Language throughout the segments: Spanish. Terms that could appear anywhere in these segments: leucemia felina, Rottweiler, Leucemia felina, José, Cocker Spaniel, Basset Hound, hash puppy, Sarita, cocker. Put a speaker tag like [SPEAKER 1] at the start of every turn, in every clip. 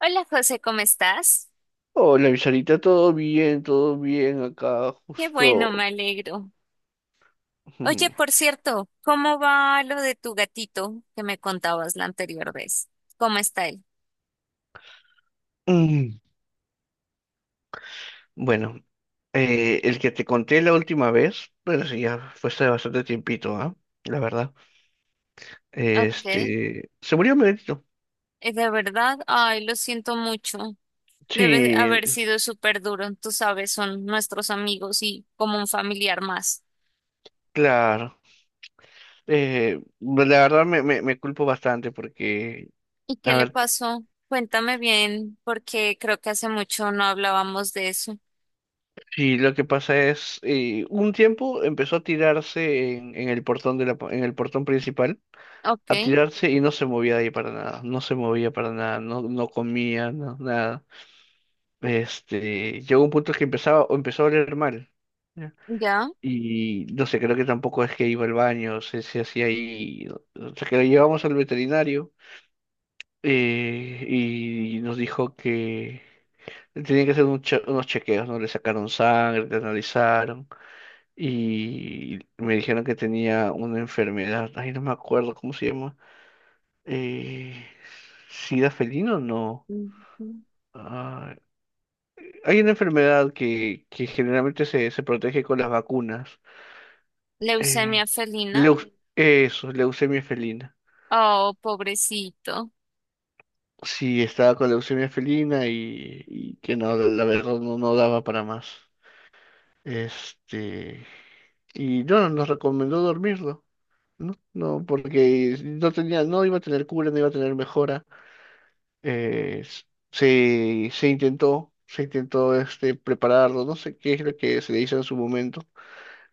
[SPEAKER 1] Hola José, ¿cómo estás?
[SPEAKER 2] Hola, mi Sarita, todo bien acá,
[SPEAKER 1] Qué bueno, me
[SPEAKER 2] justo.
[SPEAKER 1] alegro. Oye, por cierto, ¿cómo va lo de tu gatito que me contabas la anterior vez? ¿Cómo está él?
[SPEAKER 2] Mm, Bueno, el que te conté la última vez, bueno, sí, ya fue hace bastante tiempito, ¿ah? La verdad.
[SPEAKER 1] Ok.
[SPEAKER 2] Se murió mi gatito.
[SPEAKER 1] De verdad, ay, lo siento mucho. Debe
[SPEAKER 2] Sí,
[SPEAKER 1] haber sido súper duro. Tú sabes, son nuestros amigos y como un familiar más.
[SPEAKER 2] claro. Pues, la verdad me culpo bastante porque,
[SPEAKER 1] ¿Y qué
[SPEAKER 2] a
[SPEAKER 1] le
[SPEAKER 2] ver,
[SPEAKER 1] pasó? Cuéntame bien, porque creo que hace mucho no hablábamos de eso.
[SPEAKER 2] sí, lo que pasa es, un tiempo empezó a tirarse en el portón de la, en el portón principal.
[SPEAKER 1] Ok,
[SPEAKER 2] A tirarse y no se movía de ahí para nada, no se movía para nada, no, no comía, no, nada. Llegó un punto que empezaba, o empezó a oler mal. ¿Ya?
[SPEAKER 1] ya.
[SPEAKER 2] Y no sé, creo que tampoco es que iba al baño, se hacía ahí. O sea, que lo llevamos al veterinario, y nos dijo que tenían que hacer unos chequeos, ¿no? Le sacaron sangre, le analizaron y me dijeron que tenía una enfermedad. Ay, no me acuerdo cómo se llama. Eh, ¿Sida felino? No.
[SPEAKER 1] Ujú.
[SPEAKER 2] Ah, hay una enfermedad que generalmente se protege con las vacunas. Eh,
[SPEAKER 1] Leucemia felina.
[SPEAKER 2] Eso, leucemia felina.
[SPEAKER 1] Oh, pobrecito.
[SPEAKER 2] Sí, estaba con leucemia felina y que no, la verdad no, no daba para más. Este, y no, nos recomendó dormirlo, ¿no? No, porque no tenía, no iba a tener cura, no iba a tener mejora. eh, s- Se, se intentó prepararlo, no sé qué es lo que se le hizo en su momento,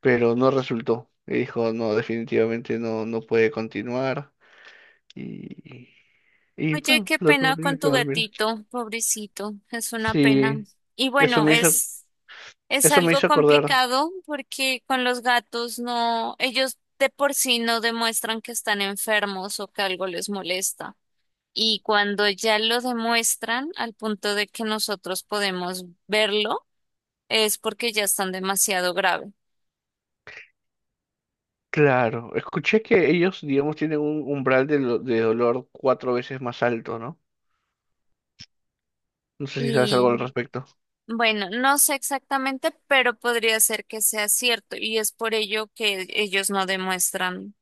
[SPEAKER 2] pero no resultó. Y dijo, no, definitivamente no, no puede continuar. Y, y
[SPEAKER 1] Oye,
[SPEAKER 2] bueno,
[SPEAKER 1] qué
[SPEAKER 2] lo
[SPEAKER 1] pena
[SPEAKER 2] tuvieron
[SPEAKER 1] con
[SPEAKER 2] que
[SPEAKER 1] tu
[SPEAKER 2] dormir.
[SPEAKER 1] gatito, pobrecito, es una pena.
[SPEAKER 2] Sí,
[SPEAKER 1] Y
[SPEAKER 2] eso me hizo,
[SPEAKER 1] es
[SPEAKER 2] eso me
[SPEAKER 1] algo
[SPEAKER 2] hizo acordar.
[SPEAKER 1] complicado porque con los gatos no, ellos de por sí no demuestran que están enfermos o que algo les molesta. Y cuando ya lo demuestran, al punto de que nosotros podemos verlo, es porque ya están demasiado grave.
[SPEAKER 2] Claro, escuché que ellos, digamos, tienen un umbral de, de dolor cuatro veces más alto, ¿no? No sé si sabes algo al respecto.
[SPEAKER 1] Bueno, no sé exactamente, pero podría ser que sea cierto y es por ello que ellos no demuestran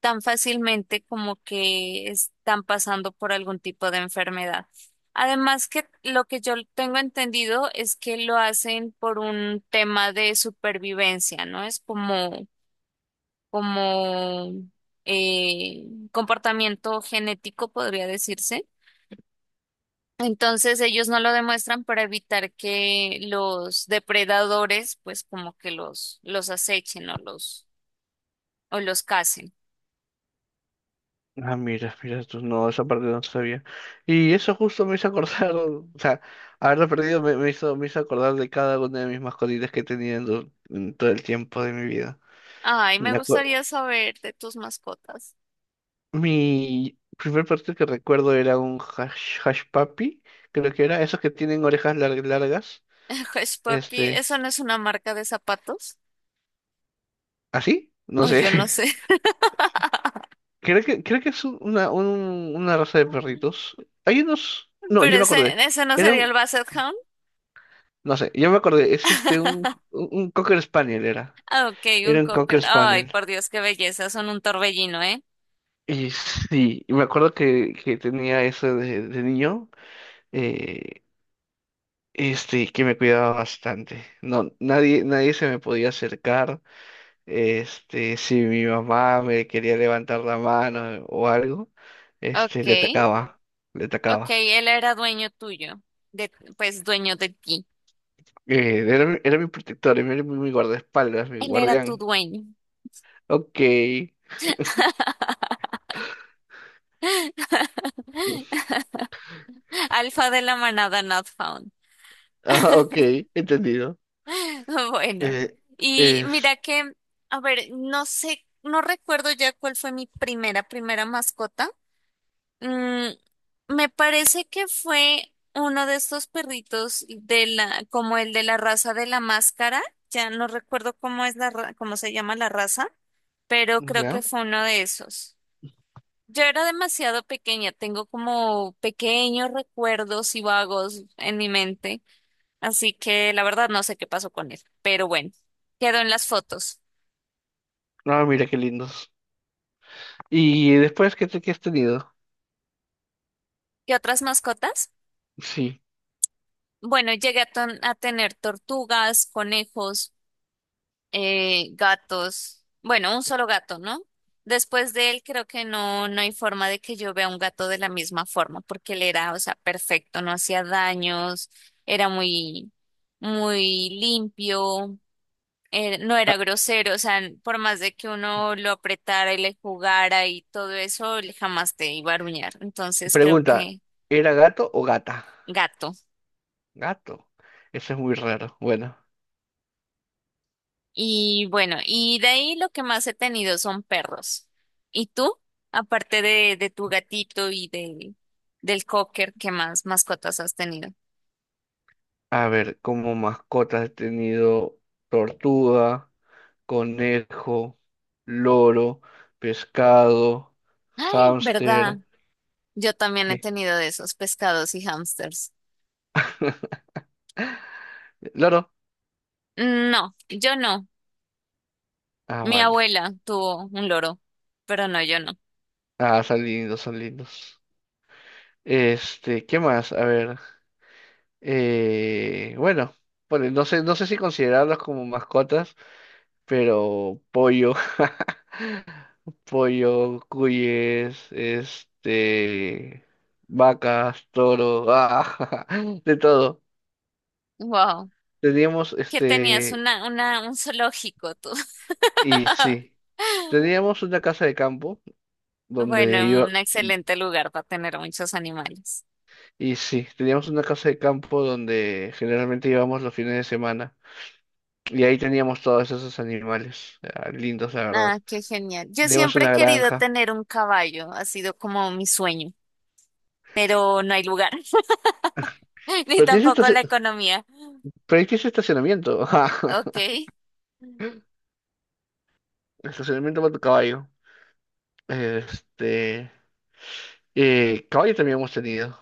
[SPEAKER 1] tan fácilmente como que están pasando por algún tipo de enfermedad. Además que lo que yo tengo entendido es que lo hacen por un tema de supervivencia, ¿no? Es como, como eh, comportamiento genético, podría decirse entonces ellos no lo demuestran para evitar que los depredadores pues como que los acechen o los casen.
[SPEAKER 2] Ah, mira, mira, tú no, esa parte no sabía. Y eso justo me hizo acordar, o sea, haberlo perdido me hizo acordar de cada una de mis mascotitas que he tenido en todo el tiempo de mi vida.
[SPEAKER 1] Ay, me
[SPEAKER 2] Me acuerdo,
[SPEAKER 1] gustaría saber de tus mascotas.
[SPEAKER 2] mi primer perrito que recuerdo era hash puppy, creo que era, esos que tienen largas,
[SPEAKER 1] Hush Papi,
[SPEAKER 2] este,
[SPEAKER 1] ¿eso no es una marca de zapatos?
[SPEAKER 2] ¿así? No
[SPEAKER 1] O
[SPEAKER 2] sé.
[SPEAKER 1] yo no sé.
[SPEAKER 2] Creo que es una raza de perritos. Hay unos, no,
[SPEAKER 1] Pero
[SPEAKER 2] yo me acordé.
[SPEAKER 1] ese no
[SPEAKER 2] Era
[SPEAKER 1] sería el
[SPEAKER 2] un-
[SPEAKER 1] Basset Hound.
[SPEAKER 2] No sé, yo me acordé, es un Cocker Spaniel era.
[SPEAKER 1] Ah, Ok, un
[SPEAKER 2] Era un
[SPEAKER 1] cocker.
[SPEAKER 2] Cocker
[SPEAKER 1] Ay,
[SPEAKER 2] Spaniel.
[SPEAKER 1] por Dios, qué belleza. Son un torbellino, ¿eh?
[SPEAKER 2] Y sí, y me acuerdo que tenía eso de niño, eh, que me cuidaba bastante. No, nadie, nadie se me podía acercar. Si mi mamá me quería levantar la mano o algo,
[SPEAKER 1] Ok,
[SPEAKER 2] le atacaba, le
[SPEAKER 1] ok,
[SPEAKER 2] atacaba.
[SPEAKER 1] él era dueño tuyo. De, pues dueño de ti.
[SPEAKER 2] Era, era mi protector, era mi, mi guardaespaldas, mi
[SPEAKER 1] Él era tu
[SPEAKER 2] guardián.
[SPEAKER 1] dueño.
[SPEAKER 2] Ok,
[SPEAKER 1] Alfa de la manada not found.
[SPEAKER 2] ah, ok, entendido.
[SPEAKER 1] Bueno,
[SPEAKER 2] Eh,
[SPEAKER 1] y mira
[SPEAKER 2] es,
[SPEAKER 1] que, a ver, no sé, no recuerdo ya cuál fue mi primera mascota. Mm, me parece que fue uno de estos perritos de la, como el de la raza de la máscara. Ya no recuerdo cómo es cómo se llama la raza, pero creo que
[SPEAKER 2] ya.
[SPEAKER 1] fue uno de esos. Yo era demasiado pequeña, tengo como pequeños recuerdos y vagos en mi mente, así que la verdad no sé qué pasó con él, pero bueno, quedó en las fotos.
[SPEAKER 2] No, mira qué lindos. ¿Y después qué, qué has tenido?
[SPEAKER 1] ¿Qué otras mascotas?
[SPEAKER 2] Sí.
[SPEAKER 1] Bueno, a tener tortugas, conejos, gatos, bueno, un solo gato, ¿no? Después de él creo que no, no hay forma de que yo vea un gato de la misma forma, porque él era, o sea, perfecto, no hacía daños, era muy limpio. Eh, no era
[SPEAKER 2] Ah,
[SPEAKER 1] grosero, o sea, por más de que uno lo apretara y le jugara y todo eso, él jamás te iba a aruñar. Entonces creo
[SPEAKER 2] pregunta,
[SPEAKER 1] que
[SPEAKER 2] ¿era gato o gata?
[SPEAKER 1] gato.
[SPEAKER 2] Gato. Eso es muy raro. Bueno,
[SPEAKER 1] Y bueno, y de ahí lo que más he tenido son perros. ¿Y tú? Aparte de tu gatito y de, del cocker, ¿qué más mascotas has tenido?
[SPEAKER 2] a ver, como mascotas he tenido tortuga, conejo, loro, pescado,
[SPEAKER 1] Ay, ¿verdad?
[SPEAKER 2] hámster.
[SPEAKER 1] Yo también he
[SPEAKER 2] ¿Qué?
[SPEAKER 1] tenido de esos pescados y hámsters.
[SPEAKER 2] ¿Loro?
[SPEAKER 1] No, yo no.
[SPEAKER 2] Ah,
[SPEAKER 1] Mi
[SPEAKER 2] vale.
[SPEAKER 1] abuela tuvo un loro, pero no, yo no.
[SPEAKER 2] Ah, son lindos, son lindos. ¿Qué más? A ver. Bueno, no sé, no sé si considerarlos como mascotas, pero pollo, pollo, cuyes, vacas, toro, ah, de todo.
[SPEAKER 1] Wow.
[SPEAKER 2] Teníamos
[SPEAKER 1] ¿Qué tenías
[SPEAKER 2] este,
[SPEAKER 1] una, un zoológico tú?
[SPEAKER 2] y sí, teníamos una casa de campo donde
[SPEAKER 1] Bueno,
[SPEAKER 2] iba,
[SPEAKER 1] un excelente lugar para tener muchos animales.
[SPEAKER 2] y sí, teníamos una casa de campo donde generalmente íbamos los fines de semana. Y ahí teníamos todos esos animales, ah, lindos, la verdad.
[SPEAKER 1] Ah, qué genial. Yo
[SPEAKER 2] Tenemos
[SPEAKER 1] siempre he
[SPEAKER 2] una
[SPEAKER 1] querido
[SPEAKER 2] granja.
[SPEAKER 1] tener un caballo, ha sido como mi sueño, pero no hay lugar, ni
[SPEAKER 2] Pero tienes,
[SPEAKER 1] tampoco la economía.
[SPEAKER 2] pero ahí tienes estacionamiento. Ajá,
[SPEAKER 1] Ok,
[SPEAKER 2] estacionamiento para tu caballo. Este. Caballo también hemos tenido.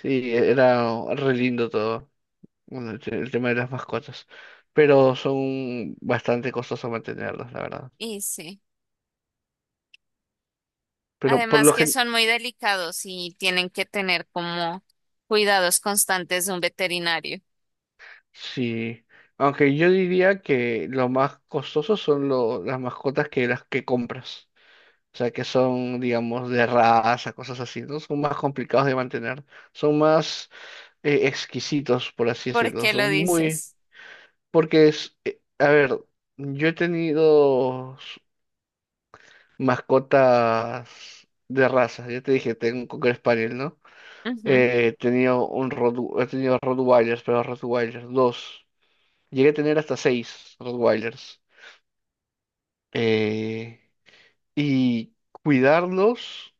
[SPEAKER 2] Sí, era re lindo todo. Bueno, el tema de las mascotas. Pero son bastante costosos mantenerlas, la verdad.
[SPEAKER 1] y sí.
[SPEAKER 2] Pero por
[SPEAKER 1] Además
[SPEAKER 2] lo
[SPEAKER 1] que
[SPEAKER 2] general.
[SPEAKER 1] son muy delicados y tienen que tener como cuidados constantes de un veterinario.
[SPEAKER 2] Sí. Aunque yo diría que lo más costoso las mascotas que las que compras. O sea, que son, digamos, de raza, cosas así, ¿no? Son más complicados de mantener, son más exquisitos, por así
[SPEAKER 1] ¿Por
[SPEAKER 2] decirlo,
[SPEAKER 1] qué lo
[SPEAKER 2] son muy...
[SPEAKER 1] dices?
[SPEAKER 2] Porque es, a ver, yo he tenido mascotas de raza, ya te dije, tengo un Cocker Spaniel, ¿no?
[SPEAKER 1] Ujú,
[SPEAKER 2] He tenido Rottweilers, pero Rottweilers, dos. Llegué a tener hasta seis Rottweilers. Eh, y cuidarlos.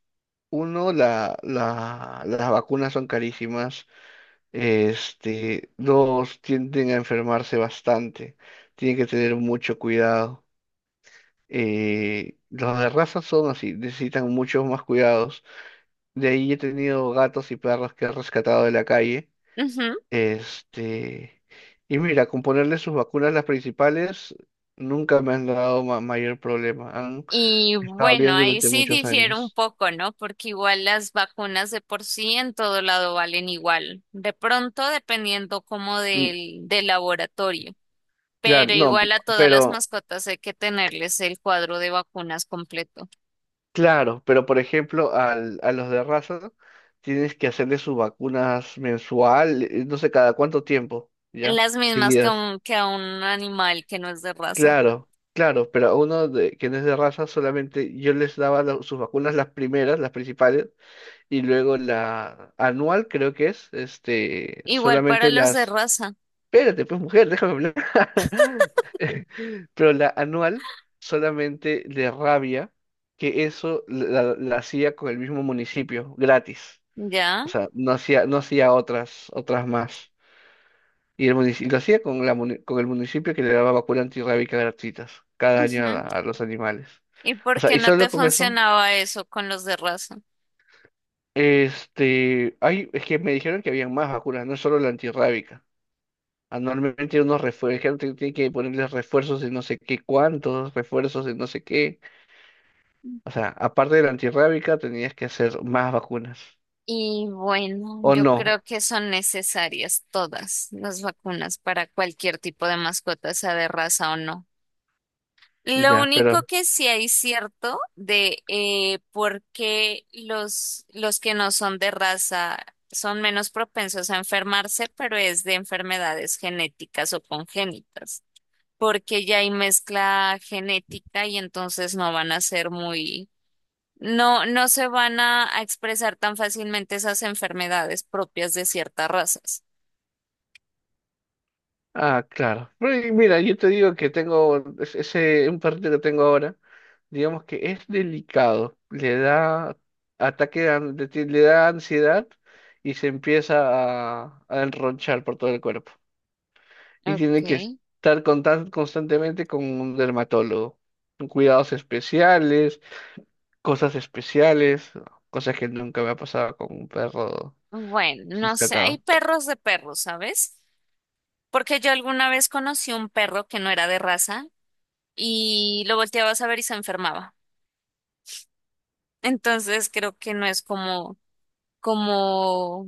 [SPEAKER 2] Uno, las vacunas son carísimas. Dos, tienden a enfermarse bastante. Tienen que tener mucho cuidado. Los de raza son así, necesitan muchos más cuidados. De ahí he tenido gatos y perros que he rescatado de la calle.
[SPEAKER 1] ujú.
[SPEAKER 2] Este, y mira, con ponerle sus vacunas las principales, nunca me han dado mayor problema. Han
[SPEAKER 1] Y
[SPEAKER 2] estado
[SPEAKER 1] bueno,
[SPEAKER 2] bien
[SPEAKER 1] ahí
[SPEAKER 2] durante
[SPEAKER 1] sí
[SPEAKER 2] muchos
[SPEAKER 1] difiere un
[SPEAKER 2] años.
[SPEAKER 1] poco, ¿no? Porque igual las vacunas de por sí en todo lado valen igual. De pronto, dependiendo como del laboratorio.
[SPEAKER 2] Claro,
[SPEAKER 1] Pero
[SPEAKER 2] no,
[SPEAKER 1] igual a todas las
[SPEAKER 2] pero,
[SPEAKER 1] mascotas hay que tenerles el cuadro de vacunas completo.
[SPEAKER 2] claro, pero por ejemplo, a los de raza tienes que hacerle sus vacunas mensual, no sé cada cuánto tiempo, ¿ya?
[SPEAKER 1] Las mismas
[SPEAKER 2] Seguidas.
[SPEAKER 1] que a un animal que no es de raza.
[SPEAKER 2] Claro, claro, pero a uno de, que no es de raza solamente yo les daba sus vacunas las primeras, las principales, y luego la anual creo que es,
[SPEAKER 1] Igual para
[SPEAKER 2] solamente
[SPEAKER 1] los de
[SPEAKER 2] las...
[SPEAKER 1] raza,
[SPEAKER 2] Espérate, pues mujer, déjame hablar. Pero la anual solamente de rabia, que eso la hacía con el mismo municipio, gratis.
[SPEAKER 1] ¿ya?
[SPEAKER 2] O sea, no hacía, no hacía otras, otras más. Y el municipio, lo hacía con, con el municipio que le daba vacuna antirrábica gratuitas cada año
[SPEAKER 1] Ujú.
[SPEAKER 2] a los animales.
[SPEAKER 1] ¿Y
[SPEAKER 2] O
[SPEAKER 1] por
[SPEAKER 2] sea,
[SPEAKER 1] qué
[SPEAKER 2] y
[SPEAKER 1] no
[SPEAKER 2] solo
[SPEAKER 1] te
[SPEAKER 2] con eso,
[SPEAKER 1] funcionaba eso con los de raza?
[SPEAKER 2] es que me dijeron que habían más vacunas, no solo la antirrábica. Anualmente unos refuerzos, tiene que ponerles refuerzos de no sé qué cuántos, refuerzos de no sé qué. O sea, aparte de la antirrábica, tenías que hacer más vacunas.
[SPEAKER 1] Y bueno,
[SPEAKER 2] O
[SPEAKER 1] yo
[SPEAKER 2] no,
[SPEAKER 1] creo que son necesarias todas las vacunas para cualquier tipo de mascota, sea de raza o no. Lo
[SPEAKER 2] ya,
[SPEAKER 1] único
[SPEAKER 2] pero.
[SPEAKER 1] que sí hay cierto de por qué los que no son de raza son menos propensos a enfermarse, pero es de enfermedades genéticas o congénitas, porque ya hay mezcla genética y entonces no van a ser muy no, no se van a expresar tan fácilmente esas enfermedades propias de ciertas razas.
[SPEAKER 2] Ah, claro. Pero y mira, yo te digo que tengo un perrito que tengo ahora, digamos que es delicado. Le da ataque, de an- de ti- le da ansiedad y se empieza a enronchar por todo el cuerpo, y
[SPEAKER 1] Ok.
[SPEAKER 2] tiene que estar constantemente con un dermatólogo. Con cuidados especiales, cosas que nunca me ha pasado con un perro
[SPEAKER 1] Bueno, no sé, hay
[SPEAKER 2] rescatado.
[SPEAKER 1] perros de perros, ¿sabes? Porque yo alguna vez conocí un perro que no era de raza y lo volteabas a ver y se enfermaba. Entonces creo que no es como, como,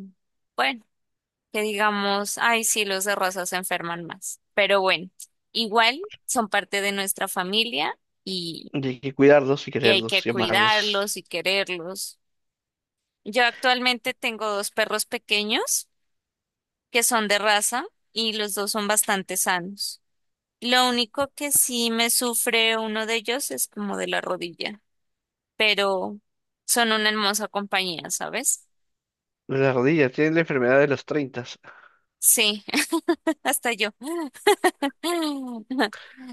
[SPEAKER 1] bueno, que digamos, ay, sí, los de raza se enferman más. Pero bueno, igual son parte de nuestra familia
[SPEAKER 2] Y hay que cuidarlos y
[SPEAKER 1] y hay que
[SPEAKER 2] quererlos y amarlos.
[SPEAKER 1] cuidarlos y quererlos. Yo actualmente tengo dos perros pequeños que son de raza y los dos son bastante sanos. Lo único que sí me sufre uno de ellos es como de la rodilla, pero son una hermosa compañía, ¿sabes?
[SPEAKER 2] Las rodillas tienen la enfermedad de los 30.
[SPEAKER 1] Sí, hasta yo.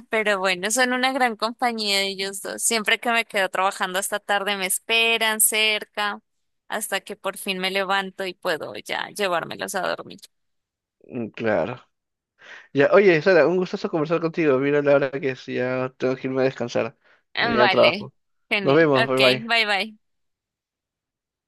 [SPEAKER 1] Pero bueno, son una gran compañía ellos dos. Siempre que me quedo trabajando hasta tarde me esperan cerca hasta que por fin me levanto y puedo ya llevármelos a dormir.
[SPEAKER 2] Claro. Ya, oye, Sara, un gustazo conversar contigo. Mira la hora que es, ya tengo que irme a descansar. Mañana
[SPEAKER 1] Vale,
[SPEAKER 2] trabajo. Nos
[SPEAKER 1] genial.
[SPEAKER 2] vemos,
[SPEAKER 1] Ok,
[SPEAKER 2] bye bye.
[SPEAKER 1] bye bye.